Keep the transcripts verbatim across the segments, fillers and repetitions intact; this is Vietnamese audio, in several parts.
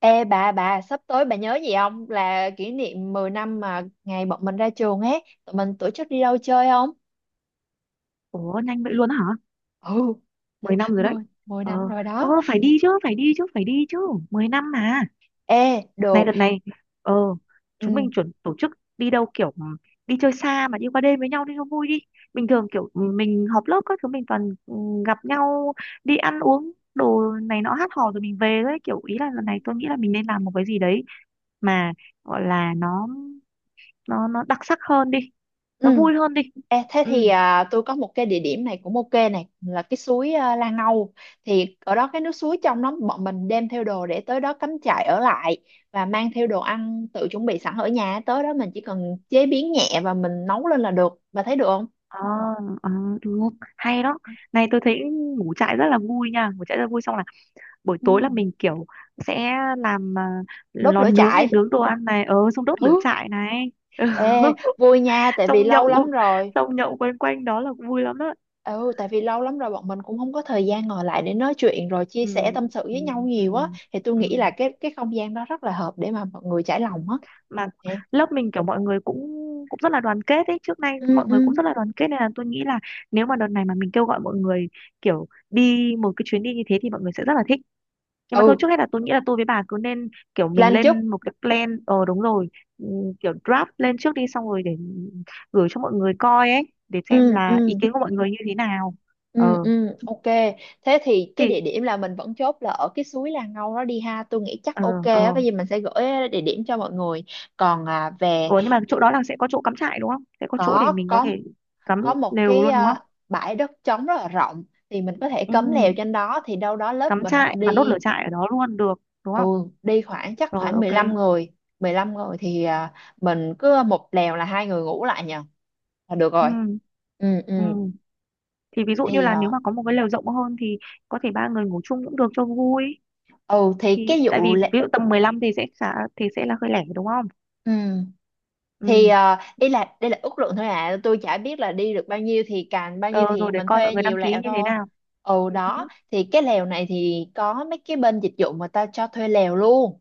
Ê bà bà sắp tới bà nhớ gì không, là kỷ niệm mười năm mà ngày bọn mình ra trường ấy, tụi mình tổ chức đi đâu chơi không? Ủa nhanh vậy luôn á hả? Ừ, mười năm rồi đấy. mười, mười Ờ, năm rồi ờ đó. phải đi chứ, phải đi chứ, phải đi chứ. mười năm mà. Ê Này được. đợt này, ờ, chúng Ừ. mình chuẩn tổ chức đi đâu kiểu ừ, đi chơi xa mà đi qua đêm với nhau đi cho vui đi. Bình thường kiểu ừ, mình họp lớp các thứ mình toàn ừ, gặp nhau đi ăn uống đồ này nọ hát hò rồi mình về đấy, kiểu ý là Ừ. lần này tôi nghĩ là mình nên làm một cái gì đấy mà gọi là nó nó nó đặc sắc hơn đi, nó Ừ. vui hơn đi. Ê, thế ừ thì à, tôi có một cái địa điểm này cũng ok này, là cái suối à, Lan Âu. Thì ở đó cái nước suối trong, đó bọn mình đem theo đồ để tới đó cắm trại ở lại, và mang theo đồ ăn tự chuẩn bị sẵn ở nhà, tới đó mình chỉ cần chế biến nhẹ và mình nấu lên là được. Bà thấy được không? Ờ, ờ, Được, hay đó. Này tôi thấy ngủ trại rất là vui nha, ngủ trại rất là vui, xong là buổi Ừ. tối là mình kiểu sẽ làm à, Đốt lò lửa nướng này, trại. nướng đồ ăn này, ờ xong đốt Ừ. lửa trại này. Ừ. Ê, vui nha, tại vì Xong lâu lắm nhậu, rồi. xong nhậu quanh quanh đó là vui lắm đó. Ừ, tại vì lâu lắm rồi bọn mình cũng không có thời gian ngồi lại để nói chuyện rồi chia sẻ ừ, tâm sự ừ, với nhau ừ, nhiều á. Thì tôi ừ, nghĩ là cái cái không gian đó rất là hợp để mà mọi người trải ừ. lòng á. Mà Nè. lớp mình kiểu mọi người cũng cũng rất là đoàn kết ấy, trước nay Ừ, mọi ừ. người cũng rất là đoàn kết nên là tôi nghĩ là nếu mà đợt này mà mình kêu gọi mọi người kiểu đi một cái chuyến đi như thế thì mọi người sẽ rất là thích. Nhưng mà thôi, trước Ừ, hết là tôi nghĩ là tôi với bà cứ nên kiểu mình Lan Chúc. lên một cái plan. ờ Đúng rồi. Ừm, kiểu draft lên trước đi xong rồi để gửi cho mọi người coi ấy để xem Ừ, là ý ừ, kiến của mọi người như thế nào. ừ, Ờ ừ, ok. Thế thì cái thì địa điểm là mình vẫn chốt là ở cái suối Là Ngâu đó đi ha. Tôi nghĩ chắc ờ ok ờ á, cái gì mình sẽ gửi địa điểm cho mọi người. Còn à, về Ủa nhưng mà chỗ đó là sẽ có chỗ cắm trại đúng không, sẽ có chỗ để có. mình có có thể cắm có một lều cái luôn đúng ờ, không? bãi đất trống rất là rộng, thì mình có thể ừ cấm lều trên đó, thì đâu đó lớp Cắm mình trại và đốt đi. lửa trại ở đó luôn được đúng Ừ, không? đi khoảng chắc Rồi, khoảng ok. mười lăm người. mười lăm người thì ờ, mình cứ một lều là hai người ngủ lại nhờ là được rồi. ừ Ừ, ừ. ừ thì ví dụ như thì là nếu ờ, mà có một cái lều rộng hơn thì có thể ba người ngủ chung cũng được cho vui. ừ thì Thì cái tại vụ vì lệ- ví dụ tầm mười lăm thì sẽ khá, thì sẽ là hơi lẻ đúng không? ừ ừ thì ờ, ý là đây là ước lượng thôi à, tôi chả biết là đi được bao nhiêu, thì càng bao nhiêu ờ, thì Rồi để mình coi mọi thuê người nhiều đăng lều ký như thế thôi. nào. Ừ Ừ. đó, hứ, thì cái lều này thì có mấy cái bên dịch vụ mà ta cho thuê lều luôn,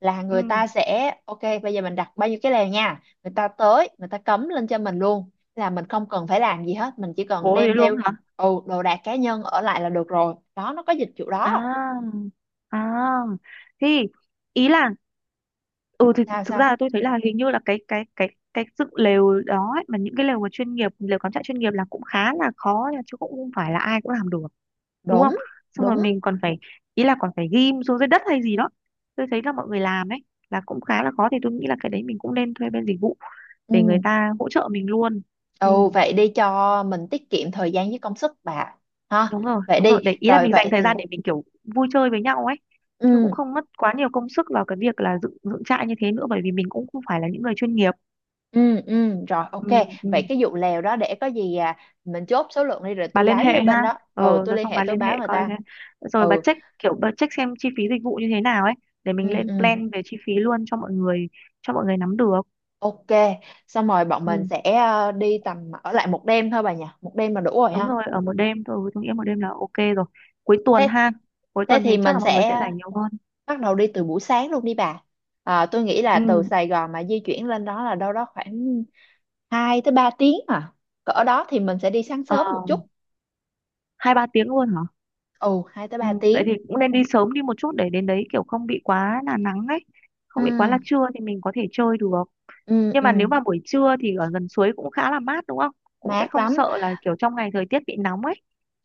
là người ừ. ta sẽ ok, bây giờ mình đặt bao nhiêu cái lèo nha, người ta tới người ta cấm lên cho mình luôn, là mình không cần phải làm gì hết, mình chỉ cần Cố thế đem luôn theo hả? ừ, đồ đạc cá nhân ở lại là được rồi đó, nó có dịch vụ đó. à à thì ý là ừ thì thì Sao thực ra là sao. tôi thấy là hình như là cái cái cái cái dựng lều đó ấy, mà những cái lều mà chuyên nghiệp, lều cắm trại chuyên nghiệp là cũng khá là khó nha, chứ cũng không phải là ai cũng làm được đúng không? Đúng. Xong rồi Đúng. mình còn phải, ý là còn phải ghim xuống dưới đất hay gì đó. Tôi thấy là mọi người làm ấy là cũng khá là khó, thì tôi nghĩ là cái đấy mình cũng nên thuê bên dịch vụ để người Ừ. ta hỗ trợ mình luôn. ừ Ừ. Vậy đi cho mình tiết kiệm thời gian với công sức, bà ha. Đúng rồi, Vậy đúng rồi, đi để ý là rồi. mình dành Vậy thời thì gian để mình kiểu vui chơi với nhau ấy, chứ cũng ừ, không mất quá nhiều công sức vào cái việc là dựng dựng trại như thế nữa, bởi vì mình cũng không phải là những người chuyên nghiệp. ừ, ừ, rồi ok. ừ, ừ. Vậy cái vụ lèo đó, để có gì à, mình chốt số lượng đi rồi Bà tôi liên báo hệ với bên ha. đó. Ờ ừ, tôi Rồi liên xong hệ, bà tôi liên báo hệ người coi ta. thế. Rồi bà Ừ, check, kiểu bà check xem chi phí dịch vụ như thế nào ấy, để mình ừ, lên ừ. plan về chi phí luôn cho mọi người, cho mọi người nắm được. Ok, xong rồi bọn ừ, mình sẽ ờ, đi tầm ở lại một đêm thôi bà nhỉ, một đêm là đủ rồi Đúng ha. rồi, ở một đêm thôi, tôi nghĩ một đêm là ok rồi. Cuối tuần Thế ha? Cuối thế tuần thì thì chắc mình là mọi người sẽ sẽ rảnh nhiều hơn. bắt đầu đi từ buổi sáng luôn đi bà. À, tôi nghĩ là ừ. từ Sài Gòn mà di chuyển lên đó là đâu đó khoảng hai tới ba tiếng à. Cỡ đó thì mình sẽ đi sáng ờ, sớm một chút. Hai ba tiếng luôn hả? Ồ, hai tới Ừ, ba vậy tiếng. thì cũng nên đi sớm đi một chút để đến đấy kiểu không bị quá là nắng ấy, Ừ, không bị quá là trưa thì mình có thể chơi được. ừ, Nhưng mà nếu ừ, mà buổi trưa thì ở gần suối cũng khá là mát đúng không, cũng sẽ mát không lắm. sợ là kiểu trong ngày thời tiết bị nóng ấy.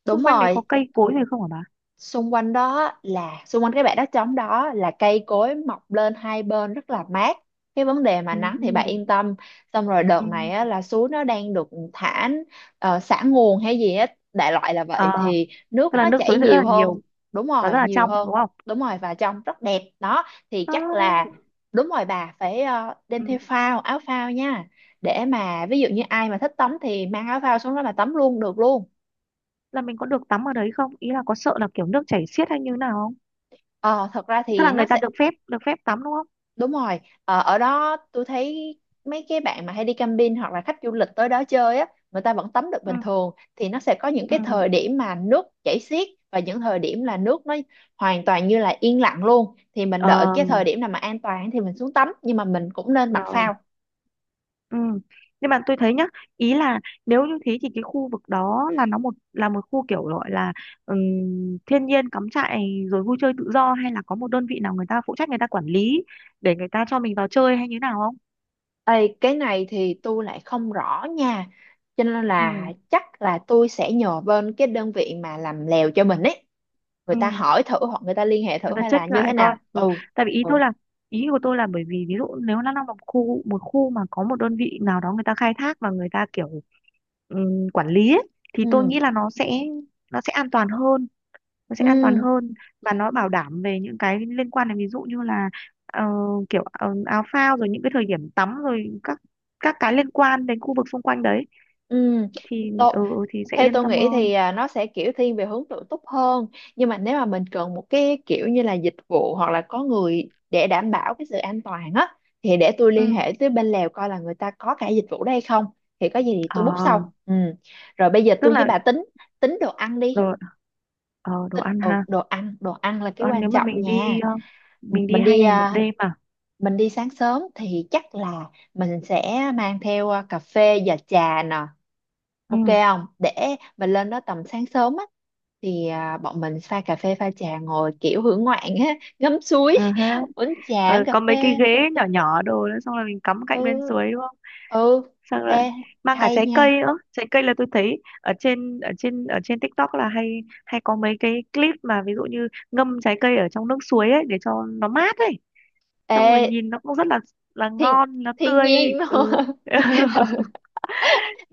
Đúng Xung quanh đấy có rồi, cây cối gì không hả bà? xung quanh đó là xung quanh cái bãi đất trống đó là cây cối mọc lên hai bên rất là mát. Cái vấn đề mà nắng thì bạn ừ, yên tâm. Xong rồi đợt này á, ừ. là suối nó đang được thả, uh, xả nguồn hay gì á, đại loại là vậy, À, thì nước tức là nó nước chảy suối sẽ rất là nhiều hơn. nhiều Đúng và rất rồi, là nhiều trong hơn. đúng không? Đúng rồi, và trông rất đẹp đó. Thì à, chắc là đúng rồi, bà phải ờ, đem theo ừ. phao, áo phao nha, để mà ví dụ như ai mà thích tắm thì mang áo phao xuống đó mà tắm luôn được luôn. Là mình có được tắm ở đấy không, ý là có sợ là kiểu nước chảy xiết hay như nào không, Ờ, thật ra tức thì là nó người ta sẽ. được phép, được phép tắm đúng không? Đúng rồi, ờ, ở đó tôi thấy mấy cái bạn mà hay đi camping hoặc là khách du lịch tới đó chơi á, người ta vẫn tắm được bình ừ, thường. Thì nó sẽ có những ừ. cái thời điểm mà nước chảy xiết, và những thời điểm là nước nó hoàn toàn như là yên lặng luôn, thì mình đợi Ờ, cái thời điểm nào mà an toàn thì mình xuống tắm, nhưng mà mình cũng nên mặc ờ, phao. Ừ. Nhưng mà tôi thấy nhá, ý là nếu như thế thì cái khu vực đó là nó một là một khu kiểu gọi là ừm, thiên nhiên cắm trại rồi vui chơi tự do, hay là có một đơn vị nào người ta phụ trách, người ta quản lý để người ta cho mình vào chơi hay như nào không? Ê, cái này thì tôi lại không rõ nha. Cho nên là Ừ, chắc là tôi sẽ nhờ bên cái đơn vị mà làm lèo cho mình ấy. Người ừ. ta hỏi thử, hoặc người ta liên hệ Người thử ta hay là check như thế lại coi. nào. Rồi. Ừ. Tại vì ý Ừ. tôi là, ý của tôi là bởi vì ví dụ nếu nó là một khu, một khu mà có một đơn vị nào đó người ta khai thác và người ta kiểu ừm, quản lý ấy, thì tôi Ừ. nghĩ là nó sẽ nó sẽ an toàn hơn, nó sẽ an toàn Ừ, hơn, và nó bảo đảm về những cái liên quan đến ví dụ như là ờ, kiểu ờ, áo phao rồi những cái thời điểm tắm rồi các các cái liên quan đến khu vực xung quanh đấy ừ, thì tôi ừ, ừ, thì sẽ theo yên tôi tâm nghĩ thì hơn. à, nó sẽ kiểu thiên về hướng tự túc hơn, nhưng mà nếu mà mình cần một cái kiểu như là dịch vụ hoặc là có người để đảm bảo cái sự an toàn á, thì để tôi liên ừ. hệ tới bên Lào coi là người ta có cả dịch vụ đây không, thì có gì thì Ờ, tôi book sau. Ừ, rồi bây giờ tức tôi với là bà tính tính đồ ăn đồ, đi. ờ, đồ Tính, ăn ừ, ha. đồ ăn, đồ ăn là cái Đồ ăn quan nếu mà trọng mình đi nha. ờ, mình đi mình hai đi ngày một à, đêm à. mình đi sáng sớm thì chắc là mình sẽ mang theo à, cà phê và trà nè. Ok Ừ. không? Để mình lên đó tầm sáng sớm á, thì à, bọn mình pha cà phê pha trà ngồi kiểu hưởng ngoạn á, ngắm suối, ờ ha. uống trà, Ờ, uống cà có mấy cái phê. ghế nhỏ nhỏ đồ nữa, xong rồi mình cắm cạnh bên Ừ, suối đúng. ừ. Xong rồi Ê, mang cả hay trái nha. cây nữa, trái cây là tôi thấy ở trên ở trên ở trên TikTok là hay, hay có mấy cái clip mà ví dụ như ngâm trái cây ở trong nước suối ấy để cho nó mát ấy, xong Ê, rồi nhìn nó cũng rất là là thiên ngon, nó thiên tươi ấy. nhiên ừ. luôn.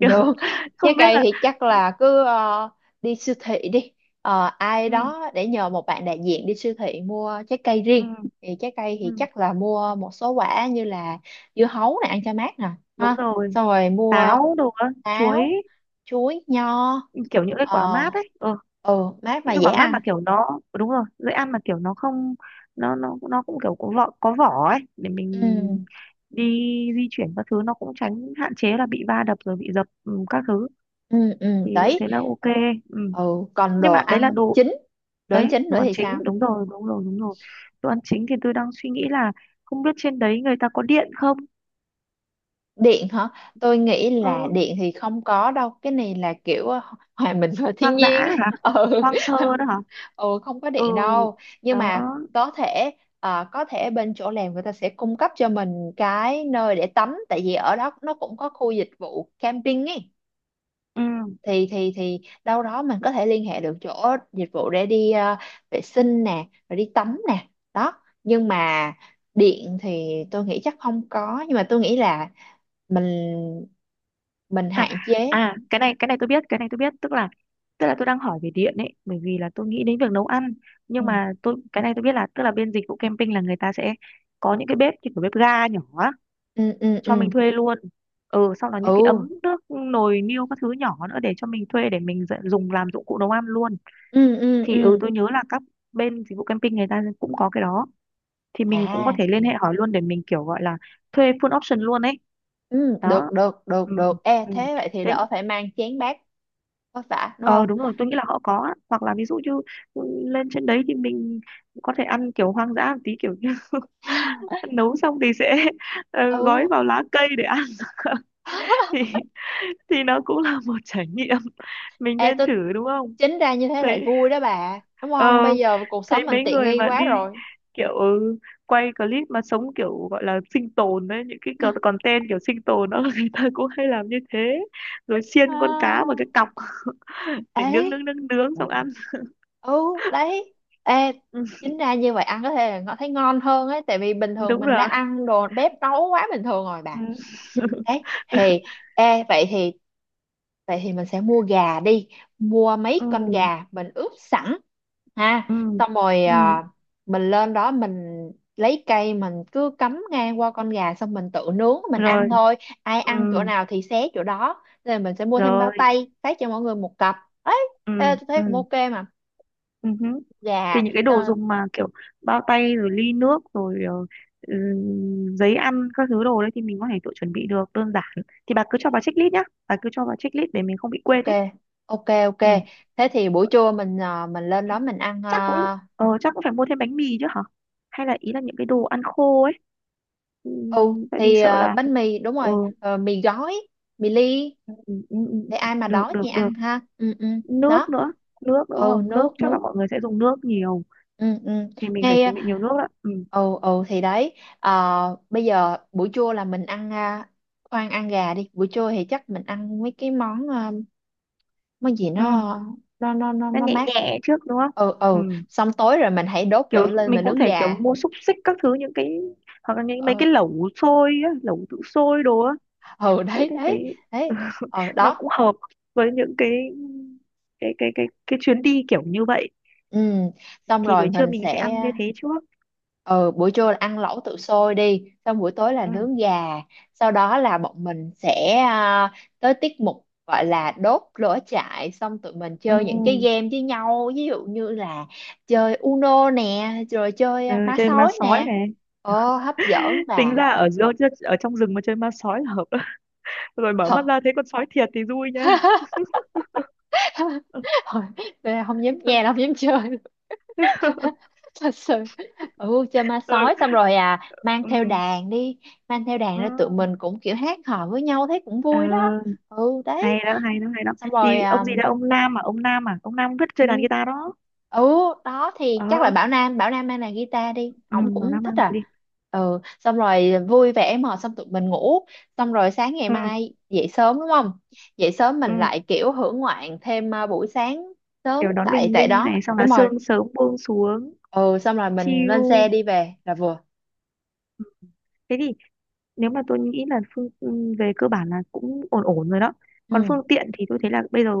Kiểu không trái biết cây là thì chắc là cứ ờ, đi siêu thị đi. Ờ, ai ừ, đó để nhờ một bạn đại diện đi siêu thị mua trái cây ừ, riêng. Thì trái cây thì ừ, chắc là mua một số quả như là dưa hấu này ăn cho mát nè, đúng ha. rồi, Xong rồi mua táo đồ á, chuối, táo, chuối, nho. kiểu những cái quả Ờ, mát ấy. Ừ, ừ, mát mà những cái dễ quả mát mà ăn. kiểu nó đúng rồi dễ ăn, mà kiểu nó không, nó nó nó cũng kiểu có vỏ, có vỏ ấy để mình Ừ, đi di chuyển các thứ nó cũng tránh, hạn chế là bị va đập rồi bị dập, ừ, các thứ ừ, ừ, thì thế đấy. là ok. ừ. Ừ, còn Nhưng đồ mà đấy là ăn đồ, chính, đồ ăn đấy chính đồ nữa ăn thì chính, sao? đúng rồi, đúng rồi, đúng rồi. Đồ ăn chính thì tôi đang suy nghĩ là không biết trên đấy người ta có điện không. Điện hả? Tôi nghĩ là ừ. điện thì không có đâu, cái này là kiểu ờ, hòa mình vào thiên Hoang dã nhiên hả? đó. Ừ. Hoang sơ đó hả? Ừ không có Ừ điện đâu, nhưng đó mà có thể ờ, có thể bên chỗ làm người ta sẽ cung cấp cho mình cái nơi để tắm, tại vì ở đó nó cũng có khu dịch vụ camping ấy, ừ. thì thì thì đâu đó mình có thể liên hệ được chỗ dịch vụ để đi ờ, vệ sinh nè, rồi đi tắm nè. Đó nhưng mà điện thì tôi nghĩ chắc không có, nhưng mà tôi nghĩ là mình mình À, hạn chế. à cái này, cái này tôi biết, cái này tôi biết, tức là tức là tôi đang hỏi về điện ấy bởi vì là tôi nghĩ đến việc nấu ăn, Ừ, nhưng mà tôi cái này tôi biết là tức là bên dịch vụ camping là người ta sẽ có những cái bếp như kiểu bếp ga nhỏ á, ừ, ừ, ừ, cho mình thuê luôn. Ừ sau đó những cái ừ, ấm nước nồi niêu các thứ nhỏ nữa để cho mình thuê, để mình dạy- dùng làm dụng cụ nấu ăn luôn. ừ, ừ, Thì ừ ừ. tôi nhớ là các bên dịch vụ camping người ta cũng có cái đó, thì mình cũng có À. thể liên hệ hỏi luôn để mình kiểu gọi là thuê full option luôn ấy. Ừ, Đó. được được được ừ. được. E Ừ. thế vậy thì Thế đỡ phải mang chén bát, có phải đúng ờ không. đúng rồi, tôi nghĩ là họ có á. Hoặc là ví dụ như ừ, lên trên đấy thì mình có thể ăn kiểu hoang dã một tí, kiểu như nấu xong thì sẽ ờ, gói Ừ. vào lá cây để ăn. thì thì nó cũng là một trải nghiệm mình E nên tôi thử đúng không? chính ra như thế lại Thấy, vui đó bà, đúng ờ, không, bây giờ cuộc sống thấy mình mấy tiện người nghi mà quá đi rồi. kiểu ừ, quay clip mà sống kiểu gọi là sinh tồn đấy, những cái co- content kiểu sinh tồn đó, người ta cũng hay làm như thế, rồi xiên con cá vào À, cái cọc để nướng, ấy. nướng nướng nướng xong ăn. Ừ, đấy. Ê ừ, chính ra như vậy ăn có thể là nó thấy ngon hơn ấy, tại vì bình thường Đúng mình đã rồi. ăn đồ bếp nấu quá bình thường rồi ừ. bà. Đấy thì ê vậy thì vậy thì mình sẽ mua gà đi, mua ừ mấy con gà mình ướp sẵn ha. ừ Xong rồi ừ à, mình lên đó mình lấy cây mình cứ cắm ngang qua con gà, xong mình tự nướng mình rồi ăn thôi. Ai ừ ăn chỗ nào thì xé chỗ đó, nên là mình sẽ mua thêm bao rồi tay phát cho mọi người một cặp ấy. ừ Ê, tôi ừ thấy cũng ok mà. ừ hứ. Thì Gà những cái đồ ờ, dùng mà kiểu bao tay rồi ly nước rồi ờ, ừ, giấy ăn các thứ đồ đấy thì mình có thể tự chuẩn bị được đơn giản. Thì bà cứ cho bà checklist nhá, bà cứ cho bà checklist để mình không bị quên ok đấy. ok ok. ừ Thế thì buổi trưa mình à, mình lên đó mình ăn. Chắc cũng Uh, ờ, chắc cũng phải mua thêm bánh mì chứ hả, hay là ý là những cái đồ ăn khô ấy, ừ, ừ tại vì thì sợ à, là bánh mì đúng ừ, rồi, ờ, mì gói, mì ly, ừ, ừ, ừ. để ai mà được, đói thì được, được. ăn ha. Ừ, ừ Nước đó. nữa, nước, đúng Ừ không nước, nước chắc nước. là mọi người sẽ dùng nước nhiều, Ừ, ừ thì mình phải ngay. chuẩn bị nhiều nước ạ. ừ Ừ, ừ thì đấy. Ờ, bây giờ buổi trưa là mình ăn à, khoan ăn gà đi, buổi trưa thì chắc mình ăn mấy cái món à, món gì nó ừ nó nó nó nó nó nhẹ mát. nhẹ trước đúng không? Ừ, ừ. ừ Xong tối rồi mình hãy đốt Kiểu lửa lên mình mà cũng nướng thể kiểu gà. mua xúc xích các thứ, những cái hoặc là những mấy Ừ, cái lẩu xôi á, lẩu tự sôi đồ á. ừ. Đấy đấy thế thấy đấy đấy ờ nó đó. cũng hợp với những cái cái cái cái cái chuyến đi kiểu như vậy. Ừ xong Thì buổi rồi trưa mình mình sẽ sẽ. ăn như thế trước. Ừ, buổi trưa là ăn lẩu tự sôi đi, xong buổi tối là ừ nướng gà. Sau đó là bọn mình sẽ à, tới tiết mục gọi là đốt lửa trại, xong tụi mình ừ, chơi những cái game với nhau, ví dụ như là chơi Uno nè, rồi chơi ừ à, má Chơi ma sói sói nè. này. Ờ hấp dẫn Tính và ra ở giữa, ở trong rừng mà chơi ma sói là hợp. Đấy. Rồi mở thật. mắt ra thấy con sói thiệt thì vui nha. Thôi, tôi không dám nghe, không dám chơi. Thật sự ừ chơi ma ừ. sói, xong rồi à mang theo Ừ. đàn đi. Mang theo đàn Ừ. ra tụi mình cũng kiểu hát hò với nhau thấy cũng Ờ, vui đó. Ừ đấy. Hay đó, hay đó, hay đó. Xong rồi Thì à, ông gì đó, ông Nam à ông Nam à ông Nam rất chơi đàn ừ, guitar đó. ừ, đó thì ờ chắc là Bảo Nam Bảo Nam mang đàn guitar đi, ừ, ổng nó cũng Nam thích mang đàn đi. à. Ừ xong rồi vui vẻ mà, xong tụi mình ngủ, xong rồi sáng ngày ừ, mai dậy sớm đúng không. Dậy sớm mình ừ. lại kiểu hưởng ngoạn thêm à, buổi sáng sớm Kiểu đón tại bình tại minh đó này, xong là đúng rồi. sương sớm buông xuống Ừ xong rồi mình chill. lên xe đi về là vừa. Thế thì nếu mà tôi nghĩ là phương, ừ, về cơ bản là cũng ổn ổn rồi đó. Còn Ừ phương tiện thì tôi thấy là bây giờ,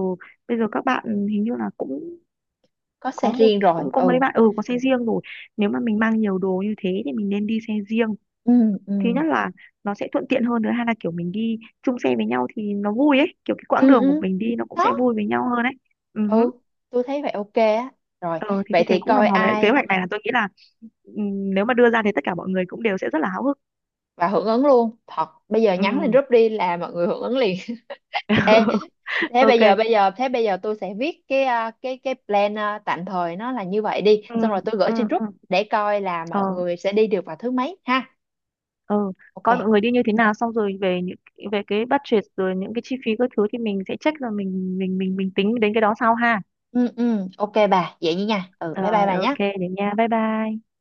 bây giờ các bạn hình như là cũng có có xe một, riêng rồi. cũng có mấy Ừ, bạn ừ có xe riêng rồi. Nếu mà mình mang nhiều đồ như thế thì mình nên đi xe riêng, ừ, ừ, thứ nhất là nó sẽ thuận tiện hơn, thứ hai là kiểu mình đi chung xe với nhau thì nó vui ấy, kiểu cái quãng ừ, đường của ừ mình đi nó cũng đó. sẽ vui với nhau hơn ấy. Ừ hứ. Ừ tôi thấy vậy ok á. Rồi Ờ, thì vậy tôi thấy thì cũng hòm coi hòm đấy, kế ai hoạch này là tôi nghĩ là ừm, nếu mà đưa ra thì tất cả mọi người cũng đều sẽ rất là háo hức. và hưởng ứng luôn thật, bây giờ ừ nhắn lên group đi là mọi người hưởng ứng liền. Ê, thế bây ok. giờ bây giờ thế bây giờ tôi sẽ viết cái à, cái cái plan à, tạm thời nó là như vậy đi, ừ xong rồi tôi gửi ừ trên group ừ để coi là ờ mọi người sẽ đi được vào thứ mấy ha. ờ Ok. Coi mọi người đi như thế nào xong rồi về những, về cái budget rồi những cái chi phí các thứ thì mình sẽ check rồi mình mình mình mình tính đến cái đó sau ha. Ừ, ừ ok bà vậy nha, ừ bye bye Rồi, bà nhé. ok, để nha, bye bye.